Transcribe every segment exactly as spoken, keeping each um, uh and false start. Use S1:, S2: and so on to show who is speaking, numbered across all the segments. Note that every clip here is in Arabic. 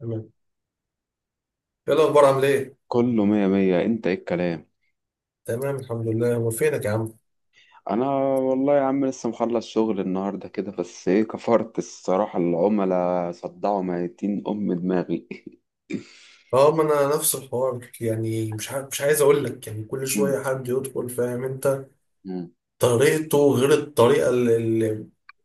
S1: تمام. ايه الاخبار، عامل ايه؟
S2: كله مية مية، انت ايه الكلام؟
S1: تمام، الحمد لله. هو فينك يا عم؟
S2: انا والله يا عم لسه مخلص شغل النهاردة كده، بس ايه كفرت الصراحة. العملاء صدعوا ميتين ام دماغي.
S1: اه، ما انا نفس الحوار، يعني مش ع... مش عايز اقول لك، يعني كل
S2: مم.
S1: شويه حد يدخل، فاهم انت؟
S2: مم.
S1: طريقته غير الطريقه اللي,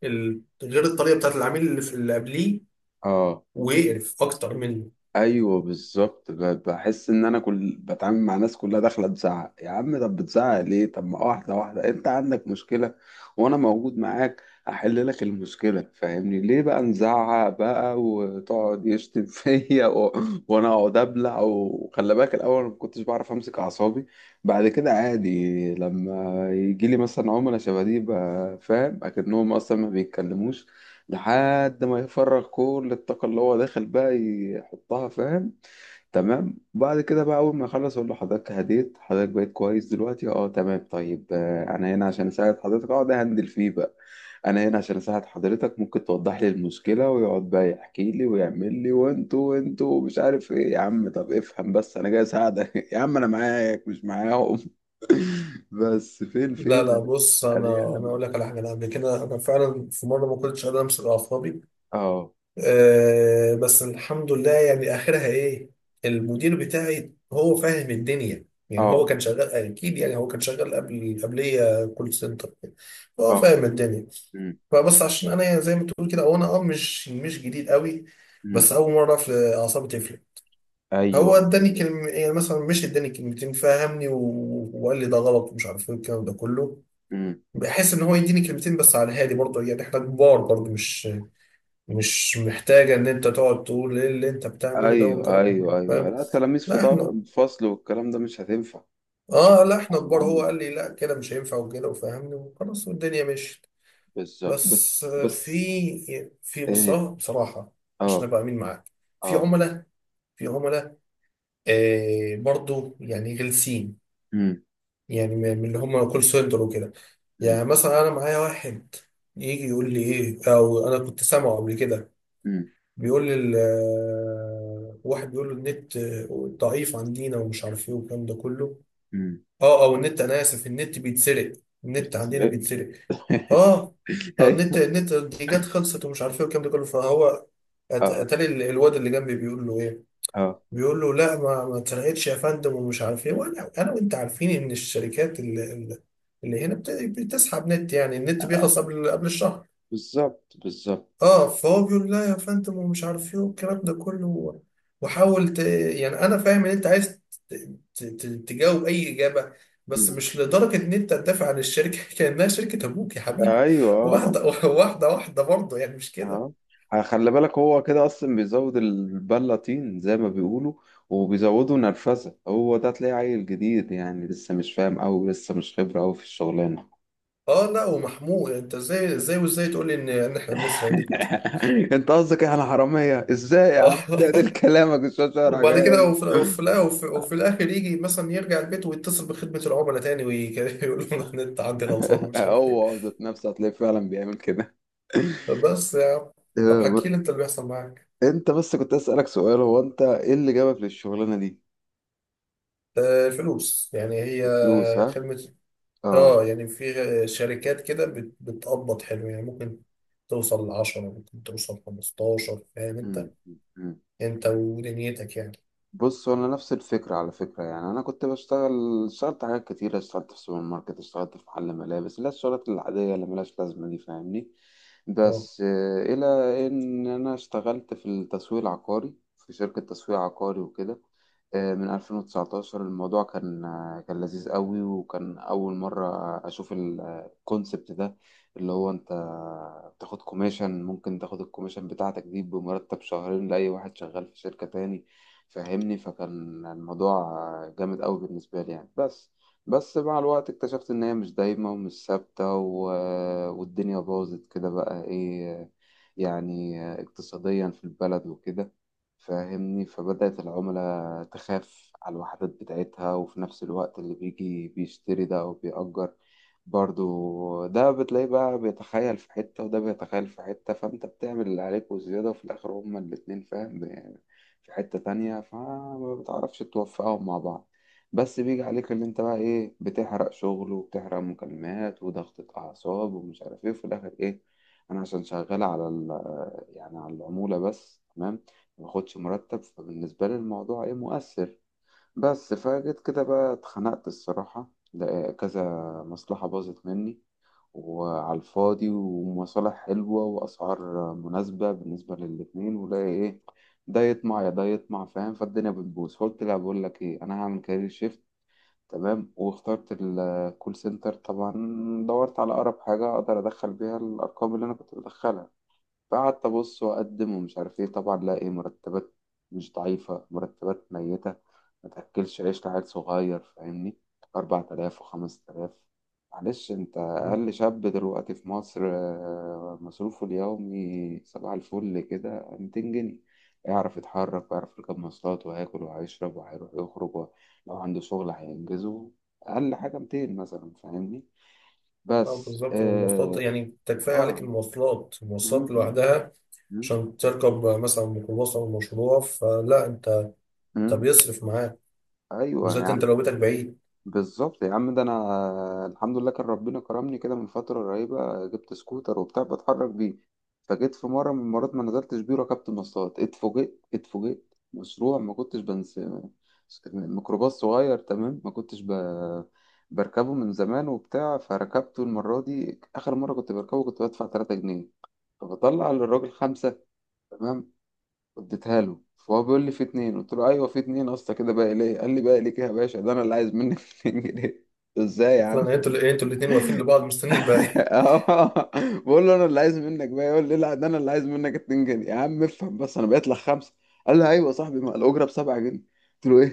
S1: ال... غير الطريقه بتاعت العميل اللي في اللي قبليه،
S2: اه،
S1: ويقرف اكتر منه.
S2: ايوه بالظبط. ب- بحس ان انا كل بتعامل مع ناس كلها داخله تزعق. يا عم طب بتزعق ليه؟ طب ما واحده واحده انت عندك مشكله وانا موجود معاك، احل لك المشكله، فاهمني؟ ليه بقى نزعق بقى وتقعد يشتم فيا و... وانا اقعد ابلع. وخلي بالك، الاول ما كنتش بعرف امسك اعصابي. بعد كده عادي، لما يجي لي مثلا عملاء شبه دي بقى، فاهم، اكنهم اصلا ما بيتكلموش لحد ما يفرغ كل الطاقة اللي هو داخل بقى يحطها، فاهم. تمام. بعد كده بقى أول ما يخلص أقول له حضرتك هديت، حضرتك بقيت كويس دلوقتي، أه تمام طيب، آه، أنا هنا عشان أساعد حضرتك. أقعد أهندل فيه بقى. أنا هنا عشان أساعد حضرتك، ممكن توضح لي المشكلة؟ ويقعد بقى يحكي لي ويعمل لي وأنتوا وأنتوا مش عارف إيه. يا عم طب افهم بس، أنا جاي أساعدك يا عم أنا معاك مش معاهم. بس فين
S1: لا
S2: فين
S1: لا، بص،
S2: ألاقي
S1: انا انا
S2: أهدى.
S1: اقول لك على حاجه، انا قبل كده انا فعلا في مره ما كنتش قادر امسك اعصابي.
S2: أه.
S1: آه بس الحمد لله، يعني اخرها ايه؟ المدير بتاعي هو فاهم الدنيا، يعني هو
S2: أه.
S1: كان شغال اكيد، يعني هو كان شغال قبل قبليه كول سنتر. هو
S2: أه.
S1: فاهم الدنيا. فبس عشان انا، يعني زي ما تقول كده، وانا اه مش مش جديد قوي.
S2: مم.
S1: بس اول مره في اعصابي تفلت. هو
S2: ايوه.
S1: اداني كلمه، يعني مثلا مش اداني كلمتين، فهمني و... وقال لي ده غلط، ومش عارف ايه الكلام ده كله.
S2: امم.
S1: بحس ان هو يديني كلمتين بس على الهادي، برضه يعني احنا كبار، برضه مش مش محتاجة إن أنت تقعد تقول إيه اللي أنت بتعمله ده،
S2: ايوه
S1: والكلام ده كله،
S2: ايوه ايوه
S1: فاهم؟
S2: لا تلاميذ في
S1: لا، إحنا.
S2: طب... فصل، والكلام ده مش هتنفع. مش
S1: آه، لا،
S2: هينفع
S1: إحنا كبار، هو
S2: معمول.
S1: قال لي لا كده مش هينفع، وكده، وفهمني وخلاص، والدنيا مشيت.
S2: بالظبط. بس
S1: بس آه،
S2: بس
S1: في في
S2: ايه.
S1: بصراحة بصراحة، عشان
S2: اه.
S1: أبقى أمين معاك. في
S2: اه.
S1: عملاء. في عملاء، آه برضو يعني غلسين،
S2: امم.
S1: يعني من اللي هم كول سنتر وكده.
S2: امم.
S1: يعني مثلا أنا معايا واحد، يجي يقول لي إيه، أو أنا كنت سامعه قبل كده.
S2: امم.
S1: بيقول لي ال- آه، واحد بيقول له النت آه، ضعيف عندنا، ومش عارف ايه والكلام ده كله.
S2: امم.
S1: اه، او النت، انا اسف، النت بيتسرق، النت عندنا
S2: بتسرق.
S1: بيتسرق. اه. آه، النت
S2: ايوه.
S1: النت دي جت خلصت، ومش عارف ايه والكلام ده كله، فهو أت-
S2: اه.
S1: اتاري ال- الواد اللي جنبي بيقول له ايه.
S2: اه.
S1: بيقول له لا، ما ما اتسرقتش يا فندم، ومش عارف ايه، وانا انا وانت عارفين ان الشركات اللي, اللي هنا بت- بتسحب نت، يعني النت بيخلص قبل قبل الشهر.
S2: بالظبط بالظبط.
S1: اه، فهو بيقول لا يا فندم، ومش عارف ايه والكلام ده كله. وحاول ت... يعني انا فاهم ان انت عايز ت... ت... ت... تجاوب اي اجابه، بس
S2: مم.
S1: مش لدرجه ان انت تدافع عن الشركه كانها شركه ابوك يا حبيبي.
S2: ايوه. اه.
S1: واحده واحده واحده برضه، يعني مش كده.
S2: اه. آه. خلي بالك هو كده اصلا بيزود البله طين زي ما بيقولوا، وبيزودوا نرفزه. هو ده تلاقيه عيل جديد يعني، لسه مش فاهم قوي، لسه مش خبره قوي في الشغلانه.
S1: اه، لا، ومحمود، انت ازاي ازاي وازاي تقول لي ان ان احنا بنسرق النت؟
S2: انت قصدك احنا حراميه؟ ازاي يا
S1: اه.
S2: عم؟ تقلل كلامك، الشاشه شعرك
S1: وبعد كده
S2: عيال.
S1: وفي وفي, الآ- وفي... وفي الاخر يجي مثلا يرجع البيت ويتصل بخدمه العملاء تاني ويقول لهم النت عندي غلطان، ومش عارف ايه.
S2: هو ذات نفسه هتلاقيه فعلا بيعمل كده.
S1: بس يا عم،
S2: اه،
S1: طب
S2: ب-
S1: حكي لي انت اللي بيحصل معاك.
S2: انت بس كنت اسالك سؤال، هو انت ايه اللي جابك للشغلانه دي؟
S1: آه، الفلوس يعني، هي
S2: الفلوس ها.
S1: خدمة.
S2: اه.
S1: اه، يعني في شركات كده بت- بتقبض حلو، يعني ممكن توصل لعشرة، ممكن توصل خمستاشر، فاهم انت؟
S2: مم.
S1: انت ودنيتك يعني.
S2: بص انا نفس الفكره على فكره يعني. انا كنت بشتغل، اشتغلت حاجات كتير، اشتغلت في سوبر ماركت، اشتغلت في محل ملابس، اللي هي الشغلات العاديه اللي ملهاش لازمه دي فاهمني.
S1: اه
S2: بس آه، الى ان انا اشتغلت في التسويق العقاري، في شركه تسويق عقاري وكده. آه، من ألفين وتسعطعش الموضوع كان آه، كان لذيذ قوي، وكان اول مره اشوف الكونسبت ده، اللي هو انت بتاخد كوميشن، ممكن تاخد الكوميشن بتاعتك دي بمرتب شهرين لاي واحد شغال في شركه تاني، فهمني. فكان الموضوع جامد قوي بالنسبة لي يعني. بس بس مع الوقت اكتشفت ان هي مش دايمة ومش ثابتة و... والدنيا باظت كده بقى ايه، يعني اقتصاديا في البلد وكده، فاهمني. فبدأت العملاء تخاف على الوحدات بتاعتها، وفي نفس الوقت اللي بيجي بيشتري ده أو بيأجر برضو ده بتلاقيه بقى بيتخيل في حتة، وده بيتخيل في حتة، فأنت بتعمل اللي عليك وزيادة، وفي الآخر هما الاتنين، فاهم، في حتة تانية، فما بتعرفش توفقهم مع بعض. بس بيجي عليك اللي انت بقى ايه، بتحرق شغل وبتحرق مكالمات وضغطة أعصاب ومش عارف ايه، وفي الآخر ايه؟ أنا عشان شغال على ال... يعني على العمولة بس، تمام، مباخدش مرتب. فبالنسبة لي الموضوع ايه، مؤثر. بس فجيت كده بقى اتخنقت الصراحة، ده كذا مصلحة باظت مني وعلى الفاضي، ومصالح حلوة وأسعار مناسبة بالنسبة للاتنين، ولاقي إيه، ده يطمع يا ده يطمع فاهم، فالدنيا بتبوظ. فقلت لا، بقول لك إيه، أنا هعمل كارير شيفت، تمام. واخترت الكول سنتر طبعا. دورت على أقرب حاجة أقدر أدخل بيها الأرقام اللي أنا كنت بدخلها، فقعدت أبص وأقدم ومش عارف إيه. طبعا لاقي مرتبات مش ضعيفة، مرتبات ميتة، ما تاكلش عيش لعيل صغير فاهمني. أربعتلاف و5000. معلش انت اقل شاب دلوقتي في مصر، آه، مصروفه اليومي صباح الفل كده ميتين جنيه، يعرف يتحرك ويعرف يركب مواصلات وهياكل وهيشرب وهيروح يخرج و- لو عنده شغل هينجزه. اقل حاجه ميتين مثلا فاهمني.
S1: اه،
S2: بس
S1: بالظبط، والمواصلات
S2: اه,
S1: يعني تكفي عليك
S2: آه.
S1: المواصلات،
S2: م-
S1: المواصلات
S2: م-
S1: لوحدها،
S2: م-
S1: عشان تركب مثلا ميكروباص او مشروع، فلا انت، انت
S2: م.
S1: بيصرف معاك،
S2: ايوه
S1: بالذات
S2: يا.
S1: انت لو بيتك بعيد.
S2: بالظبط يا عم، ده انا الحمد لله كان ربنا كرمني كده من فتره قريبه، جبت سكوتر وبتاع بتحرك بيه. فجيت في مره من المرات ما نزلتش بيه، ركبت مواصلات، اتفوجئت اتفوجئت مشروع، ما كنتش بنس، ميكروباص صغير تمام، ما كنتش ب... بركبه من زمان وبتاع. فركبته المره دي، اخر مره كنت بركبه كنت بدفع ثلاثة جنيه، فبطلع للراجل خمسة، تمام، اديتها له. فهو بيقول لي في اتنين، قلت له ايوه في اتنين اصلا كده، باقي ليه؟ قال لي باقي ليك إيه يا باشا؟ ده انا اللي عايز منك ميتين جنيه. ازاي يا عم؟
S1: اصلا انتوا ال- انتوا الاثنين واقفين لبعض مستنيين الباقي.
S2: اه، بقول له انا اللي عايز منك بقى، يقول لي لا ده انا اللي عايز منك اتنين جنيه. يا عم افهم بس، انا بقيت لك خمسه. قال لي ايوه يا صاحبي، ما الاجره ب سبعة جنيه. قلت له ايه؟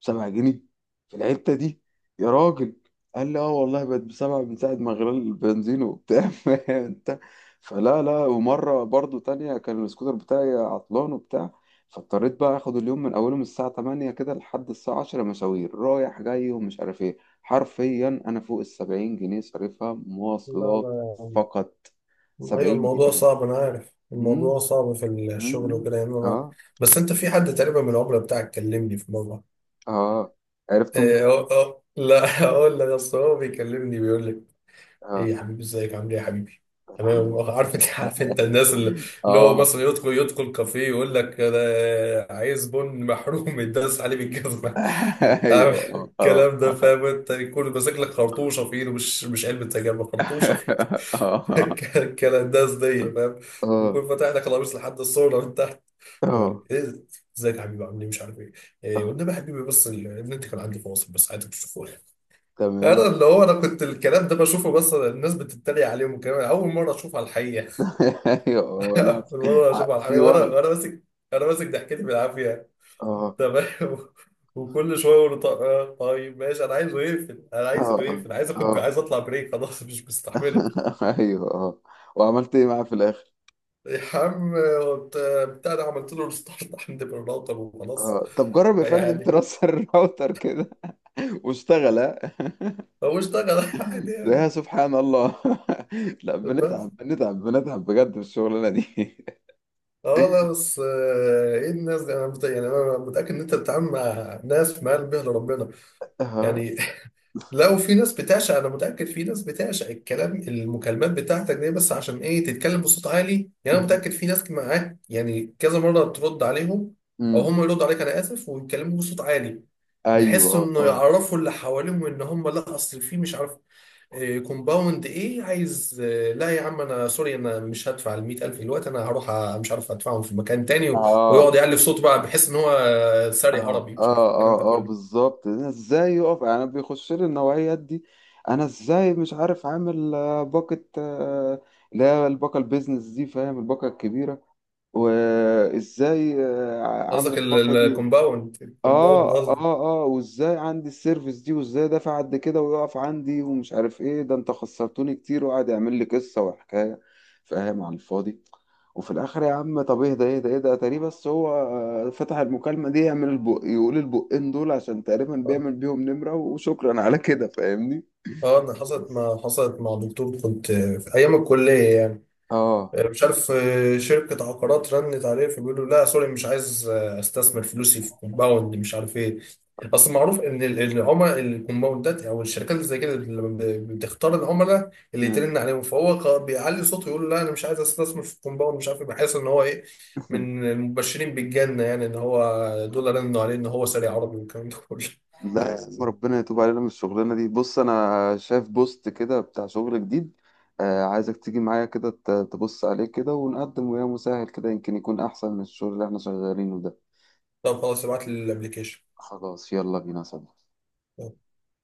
S2: ب سبعة جنيه؟ في الحته دي؟ يا راجل. قال لي اه والله، بقت بسبعة من ساعة ما غلى البنزين وبتاع فاهم انت. فلا لا ومرة برضو تانية كان السكوتر بتاعي عطلان وبتاع، فاضطريت بقى اخد اليوم من اوله، من الساعة تمانية كده لحد الساعة عشرة، مشاوير رايح جاي ومش عارف ايه. حرفيا انا فوق السبعين جنيه صارفها
S1: لا،
S2: مواصلات
S1: لا.
S2: فقط.
S1: ايوه،
S2: سبعين
S1: الموضوع
S2: جنيه.
S1: صعب، انا عارف
S2: مم،
S1: الموضوع صعب في
S2: مم،
S1: الشغل
S2: مم.
S1: وكده، يعني انا.
S2: اه.
S1: بس انت في حد تقريبا من العملاء بتاعك كلمني في مره.
S2: اه. عرفتم
S1: إيه أو
S2: منين؟
S1: أو لا، اقول لك، اصل هو بيكلمني بيقول لك، ايه
S2: اه.
S1: يا حبيبي، ازيك عامل ايه يا حبيبي؟
S2: الحمد
S1: تمام.
S2: لله.
S1: عارف انت عارف انت الناس اللي, اللي هو
S2: اه.
S1: مثلا يدخل يدخل كافيه، يقول لك انا عايز بن محروم يداس عليه بالجزمه، عارف
S2: ايوه. اه.
S1: الكلام ده،
S2: اه.
S1: فاهم انت، يكون ماسك لك خرطوشه في ايده، مش مش علبه سجاير، خرطوشه،
S2: اه.
S1: الكلنداز دي، فاهم؟
S2: اه.
S1: يكون فاتح لك القميص لحد الصورة من تحت، يقول
S2: اه.
S1: لك ايه، ازيك يا حبيبي عامل ايه، مش عارف ايه، إيه،
S2: آه.
S1: وانما يا حبيبي بس ال- النت كان عندي فاصل، بس عادي بتشوفوه.
S2: تمام.
S1: انا اللي هو انا كنت الكلام ده بشوفه، بس الناس بتتريق عليهم الكلام ده. اول مره اشوفه على الحقيقه.
S2: ايوه. آه، لا
S1: اول
S2: في،
S1: مره اشوفه على
S2: في
S1: الحقيقه، وانا
S2: وهم.
S1: وانا ماسك، انا ماسك ضحكتي بالعافيه.
S2: اه.
S1: تمام. وكل شويه اقول له طيب آه، طيب، ماشي، انا عايزه يقفل، انا
S2: اه.
S1: عايزه
S2: اه.
S1: يقفل، عايز اخد،
S2: اه.
S1: عايز اطلع بريك، خلاص مش مستحمله.
S2: ايوه. اه. وعملت ايه معاه في الاخر؟
S1: يا عم وبت- بتاع ده، عملت له ريستارت عند الراوتر وخلاص،
S2: اه طب جرب يا فندم
S1: يعني
S2: ترسل الراوتر كده واشتغل.
S1: هو اشتغل عادي
S2: تلاقيها
S1: يعني.
S2: سبحان الله. لا
S1: بس
S2: بنتعب بنتعب بنتعب بجد في الشغلانه دي.
S1: اه لا بس، آه، ايه الناس دي؟ انا مت- يعني انا متاكد ان انت بتتعامل مع ناس في مقلب به لربنا،
S2: اه.
S1: يعني. لو في ناس بتعشق، انا متاكد في ناس بتعشق الكلام، المكالمات بتاعتك دي، بس عشان ايه تتكلم بصوت عالي؟ يعني انا
S2: أمم،
S1: متاكد في ناس معاك، يعني كذا مره ترد عليهم، او
S2: أمم.
S1: هم يردوا عليك، انا اسف، ويتكلموا بصوت عالي، بحيث
S2: ايوه.
S1: انه
S2: اه.
S1: يعرفوا اللي حواليهم ان هم، لا اصل في، مش عارف، كومباوند ايه عايز، آه، لا يا عم انا سوري، انا مش هدفع ال مئة ألف دلوقتي، انا هروح أ- مش عارف ادفعهم في مكان تاني و-
S2: اه.
S1: ويقعد يعلي في صوته بقى، بحيث ان هو آه، ساري
S2: اه.
S1: عربي، مش
S2: اه.
S1: عارف الكلام ده
S2: اه. اه.
S1: كله.
S2: بالظبط. أنا ازاي يقف يعني؟ انا بيخش لي النوعيات دي، انا ازاي مش عارف عامل آه، باقه، آه، اللي هي الباقه البيزنس دي، فاهم، الباقه الكبيره، وازاي آه، عامل
S1: قصدك
S2: الباقه دي.
S1: الكومباوند،
S2: اه.
S1: الكومباوند
S2: اه.
S1: قصدي.
S2: اه. وازاي عندي السيرفيس دي، وازاي دافع قد كده ويقف عندي ومش عارف ايه، ده انت خسرتوني كتير، وقعد يعمل لي قصه وحكايه، فاهم، على الفاضي. وفي الاخر يا عم طب ايه ده؟ ايه ده؟ ايه ده؟ تقريبا بس هو آه، فتح المكالمه دي يعمل البق، يقول البقين دول عشان تقريبا
S1: اه
S2: بيعمل بيهم نمره، وشكرا على كده فاهمني.
S1: آه، انا حصلت
S2: بس
S1: ما حصلت مع دكتور، كنت آه، في ايام الكليه يعني.
S2: اه
S1: آه، مش عارف آه، شركة عقارات رنت عليه، فبيقولوا لا سوري، مش عايز آه، استثمر فلوسي في كومباوند، مش عارف ايه. اصل معروف ان ال- إن العملاء الكومباوندات، او الشركات اللي زي كده، لما ب- بتختار العملاء اللي
S2: مم.
S1: يترن عليهم، فهو خ- بيعلي صوته يقول لا انا مش عايز استثمر في كومباوند، مش عارف ايه، بحيث ان هو ايه، من المبشرين بالجنة، يعني ان هو دول رنوا عليه، ان هو سريع عربي والكلام ده كله.
S2: لا يا آه، عم ربنا يتوب علينا من الشغلانة دي. بص أنا شايف بوست كده بتاع شغل جديد، آه عايزك تيجي معايا كده ت- تبص عليه كده ونقدم وياه مساعد كده، يمكن يكون أحسن من الشغل اللي احنا شغالينه ده.
S1: طب خلاص، ابعت لي الابلكيشن.
S2: خلاص يلا بينا صديقي.